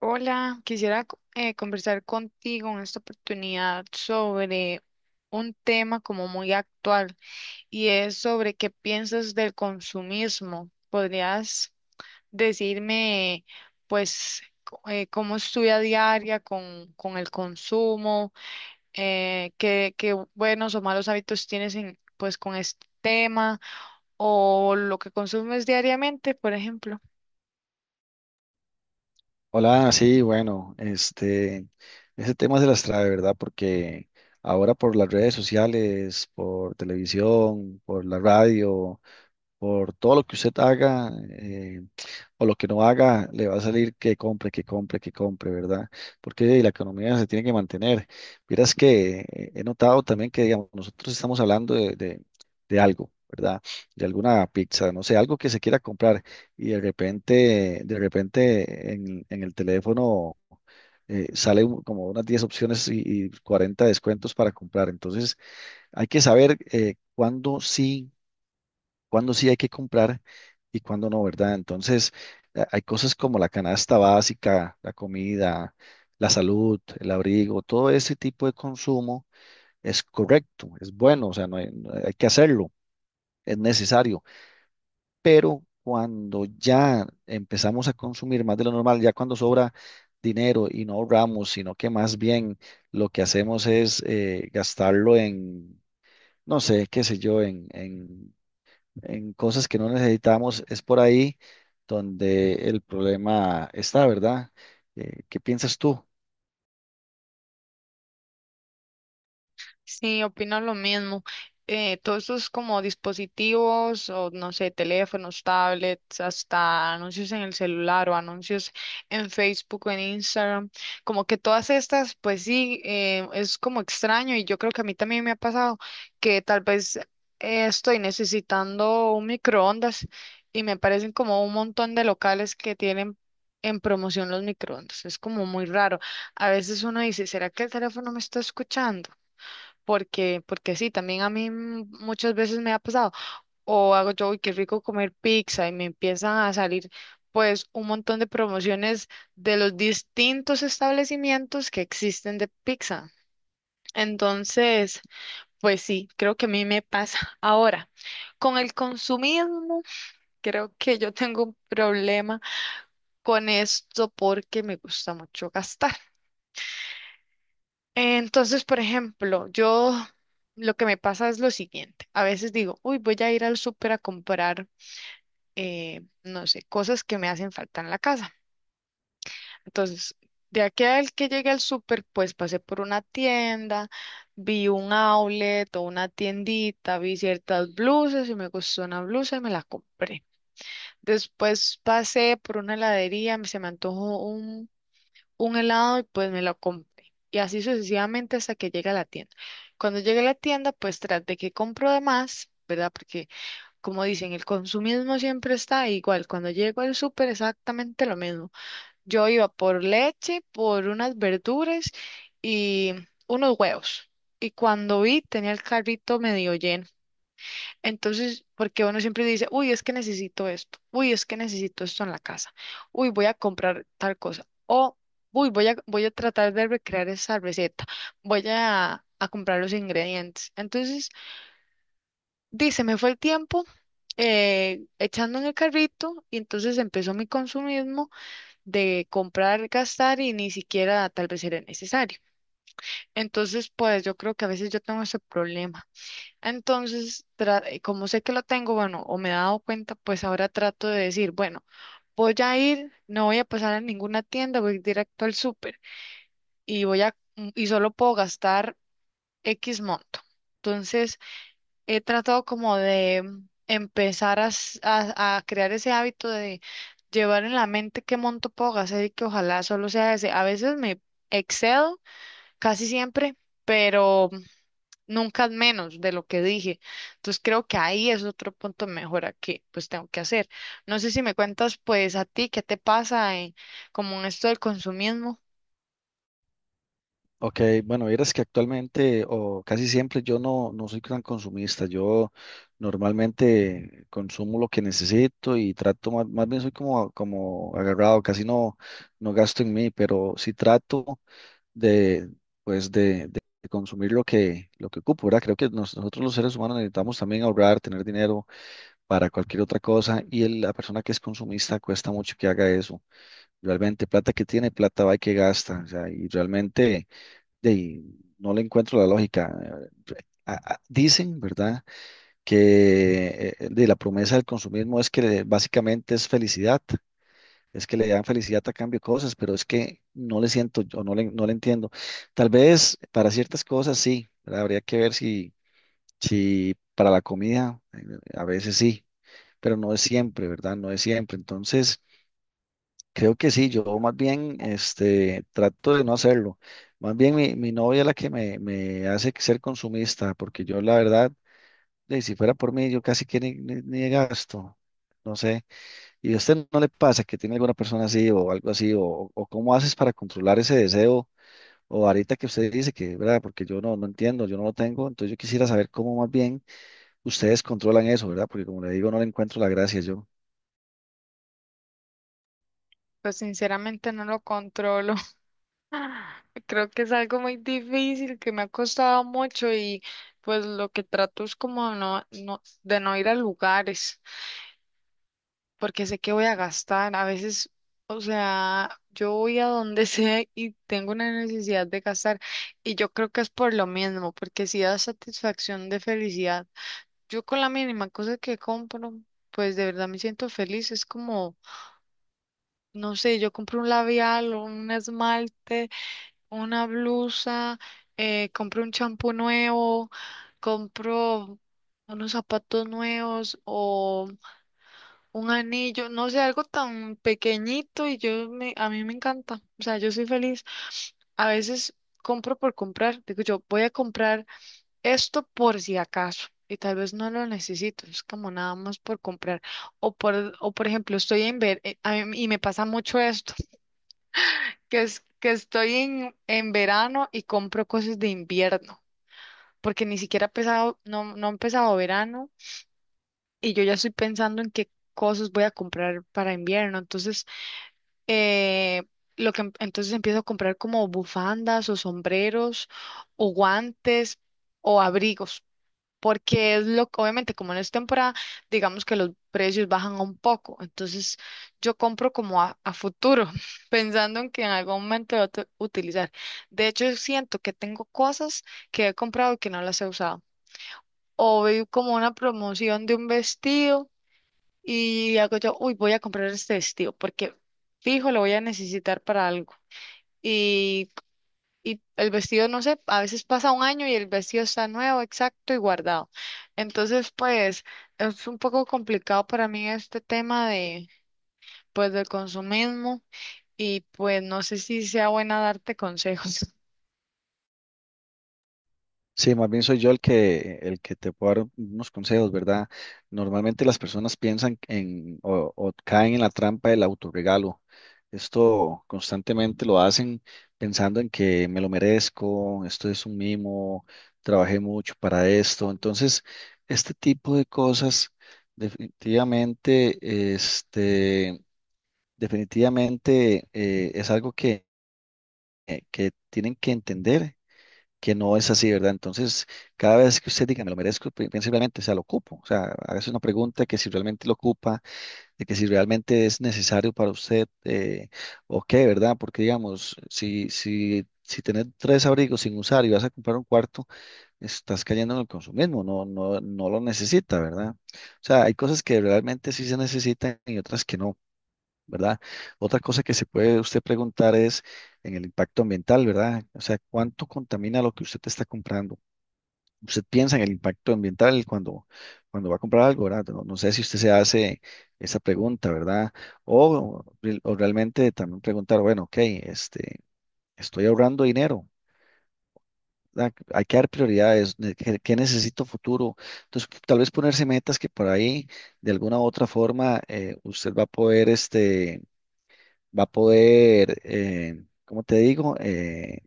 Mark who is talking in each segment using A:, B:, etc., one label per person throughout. A: Hola, quisiera conversar contigo en esta oportunidad sobre un tema como muy actual y es sobre qué piensas del consumismo. ¿Podrías decirme, pues, cómo es tu vida diaria con el consumo? Qué buenos o malos hábitos tienes en, pues, con este tema o lo que consumes diariamente, por ejemplo?
B: Hola, sí, bueno, ese tema se las trae, ¿verdad? Porque ahora por las redes sociales, por televisión, por la radio, por todo lo que usted haga o lo que no haga, le va a salir que compre, que compre, que compre, ¿verdad? Porque la economía se tiene que mantener. Miras que he notado también que, digamos, nosotros estamos hablando de algo, ¿verdad? De alguna pizza, no sé, algo que se quiera comprar y de repente en el teléfono sale como unas 10 opciones y 40 descuentos para comprar. Entonces, hay que saber cuándo sí hay que comprar y cuándo no, ¿verdad? Entonces, hay cosas como la canasta básica, la comida, la salud, el abrigo, todo ese tipo de consumo es correcto, es bueno, o sea, no hay que hacerlo, es necesario, pero cuando ya empezamos a consumir más de lo normal, ya cuando sobra dinero y no ahorramos, sino que más bien lo que hacemos es gastarlo en, no sé, qué sé yo, en cosas que no necesitamos, es por ahí donde el problema está, ¿verdad? ¿Qué piensas tú?
A: Sí, opino lo mismo. Todos estos como dispositivos o no sé, teléfonos, tablets, hasta anuncios en el celular o anuncios en Facebook o en Instagram, como que todas estas, pues sí, es como extraño y yo creo que a mí también me ha pasado que tal vez estoy necesitando un microondas y me parecen como un montón de locales que tienen en promoción los microondas. Es como muy raro. A veces uno dice, ¿será que el teléfono me está escuchando? Porque sí, también a mí muchas veces me ha pasado, o hago yo, uy, qué rico comer pizza, y me empiezan a salir pues un montón de promociones de los distintos establecimientos que existen de pizza. Entonces, pues sí, creo que a mí me pasa. Ahora, con el consumismo, creo que yo tengo un problema con esto porque me gusta mucho gastar. Entonces, por ejemplo, yo lo que me pasa es lo siguiente. A veces digo, uy, voy a ir al súper a comprar, no sé, cosas que me hacen falta en la casa. Entonces, de aquí al que llegué al súper, pues pasé por una tienda, vi un outlet o una tiendita, vi ciertas blusas y me gustó una blusa y me la compré. Después pasé por una heladería, se me antojó un helado y pues me lo compré. Y así sucesivamente hasta que llegue a la tienda. Cuando llegue a la tienda, pues tras de que compro de más, ¿verdad? Porque como dicen, el consumismo siempre está igual. Cuando llego al súper, exactamente lo mismo. Yo iba por leche, por unas verduras y unos huevos. Y cuando vi, tenía el carrito medio lleno. Entonces, porque uno siempre dice, uy, es que necesito esto, uy, es que necesito esto en la casa, uy, voy a comprar tal cosa, o uy, voy a tratar de recrear esa receta, voy a comprar los ingredientes. Entonces, dice, me fue el tiempo echando en el carrito y entonces empezó mi consumismo de comprar, gastar y ni siquiera tal vez era necesario. Entonces, pues yo creo que a veces yo tengo ese problema. Entonces, como sé que lo tengo, bueno, o me he dado cuenta, pues ahora trato de decir, bueno, voy a ir, no voy a pasar a ninguna tienda, voy directo al súper y y solo puedo gastar X monto. Entonces, he tratado como de empezar a, a crear ese hábito de llevar en la mente qué monto puedo gastar y que ojalá solo sea ese. A veces me excedo, casi siempre, pero nunca es menos de lo que dije. Entonces creo que ahí es otro punto de mejora que pues tengo que hacer. No sé si me cuentas pues a ti qué te pasa en, como en esto del consumismo.
B: Ok, bueno, vieras que actualmente o casi siempre yo no soy tan consumista, yo normalmente consumo lo que necesito y trato, más bien soy como agarrado, casi no gasto en mí, pero sí trato de, pues de consumir lo que ocupo, ¿verdad? Creo que nosotros los seres humanos necesitamos también ahorrar, tener dinero para cualquier otra cosa y la persona que es consumista cuesta mucho que haga eso. Realmente, plata que tiene, plata va y que gasta. O sea, y realmente de ahí, no le encuentro la lógica. Eh, Dicen, ¿verdad?, que de la promesa del consumismo es que básicamente es felicidad, es que le dan felicidad a cambio de cosas, pero es que no le siento, yo no le entiendo. Tal vez para ciertas cosas sí, ¿verdad? Habría que ver si para la comida, a veces sí pero no es siempre, ¿verdad? No es siempre. Entonces, creo que sí, yo más bien trato de no hacerlo. Más bien mi novia es la que me hace ser consumista, porque yo la verdad, de, si fuera por mí, yo casi que ni gasto. No sé. ¿Y a usted no le pasa que tiene alguna persona así o algo así? ¿O cómo haces para controlar ese deseo? O ahorita que usted dice que, ¿verdad? Porque yo no entiendo, yo no lo tengo. Entonces yo quisiera saber cómo más bien ustedes controlan eso, ¿verdad? Porque como le digo, no le encuentro la gracia yo.
A: Pues sinceramente no lo controlo. Creo que es algo muy difícil, que me ha costado mucho y pues lo que trato es como de no ir a lugares. Porque sé que voy a gastar. A veces, o sea, yo voy a donde sea y tengo una necesidad de gastar. Y yo creo que es por lo mismo, porque si da satisfacción de felicidad. Yo con la mínima cosa que compro, pues de verdad me siento feliz. Es como, no sé, yo compro un labial, un esmalte, una blusa, compro un champú nuevo, compro unos zapatos nuevos o... Un anillo, no sé, algo tan pequeñito y a mí me encanta. O sea, yo soy feliz. A veces compro por comprar. Digo yo, voy a comprar esto por si acaso. Y tal vez no lo necesito. Es como nada más por comprar. O por ejemplo, estoy en ver, a mí- y me pasa mucho esto, que es que estoy en verano y compro cosas de invierno. Porque ni siquiera ha empezado, no ha empezado verano y yo ya estoy pensando en qué cosas voy a comprar para invierno. Entonces eh, entonces empiezo a comprar como bufandas o sombreros o guantes o abrigos, porque es lo obviamente como en esta temporada, digamos que los precios bajan un poco, entonces yo compro como a futuro, pensando en que en algún momento voy a utilizar. De hecho, siento que tengo cosas que he comprado y que no las he usado. O veo como una promoción de un vestido y hago yo, uy, voy a comprar este vestido porque fijo, lo voy a necesitar para algo. Y, y el vestido, no sé, a veces pasa un año y el vestido está nuevo, exacto y guardado. Entonces, pues, es un poco complicado para mí este tema de, pues, del consumismo y pues no sé si sea buena darte consejos.
B: Sí, más bien soy yo el que te puedo dar unos consejos, ¿verdad? Normalmente las personas piensan en o caen en la trampa del autorregalo. Esto constantemente lo hacen pensando en que me lo merezco, esto es un mimo, trabajé mucho para esto. Entonces, este tipo de cosas definitivamente, este, definitivamente es algo que tienen que entender que no es así, ¿verdad? Entonces, cada vez que usted diga, me lo merezco, piense realmente, o sea, lo ocupo. O sea, hágase una pregunta que si realmente lo ocupa, de que si realmente es necesario para usted, o qué, ¿verdad? Porque, digamos, si tenés tres abrigos sin usar y vas a comprar un cuarto, estás cayendo en el consumismo, no, no, no lo necesita, ¿verdad? O sea, hay cosas que realmente sí se necesitan y otras que no. ¿Verdad? Otra cosa que se puede usted preguntar es en el impacto ambiental, ¿verdad? O sea, ¿cuánto contamina lo que usted está comprando? Usted piensa en el impacto ambiental cuando va a comprar algo, ¿verdad? No, no sé si usted se hace esa pregunta, ¿verdad? O, o realmente también preguntar, bueno, ok, estoy ahorrando dinero. ¿Verdad? Hay que dar prioridades, ¿qué necesito futuro? Entonces, tal vez ponerse metas que por ahí, de alguna u otra forma, usted va a poder, como te digo,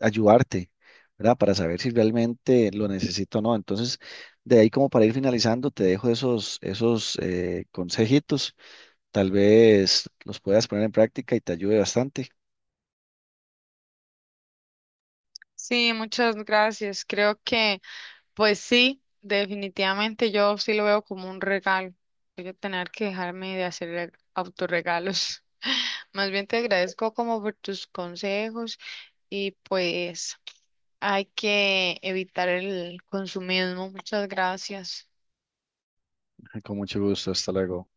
B: ayudarte, ¿verdad? Para saber si realmente lo necesito o no. Entonces, de ahí como para ir finalizando, te dejo esos consejitos. Tal vez los puedas poner en práctica y te ayude bastante.
A: Sí, muchas gracias. Creo que pues sí, definitivamente yo sí lo veo como un regalo. Voy a tener que dejarme de hacer autorregalos. Más bien te agradezco como por tus consejos y pues hay que evitar el consumismo. Muchas gracias.
B: Con mucho gusto. Hasta luego.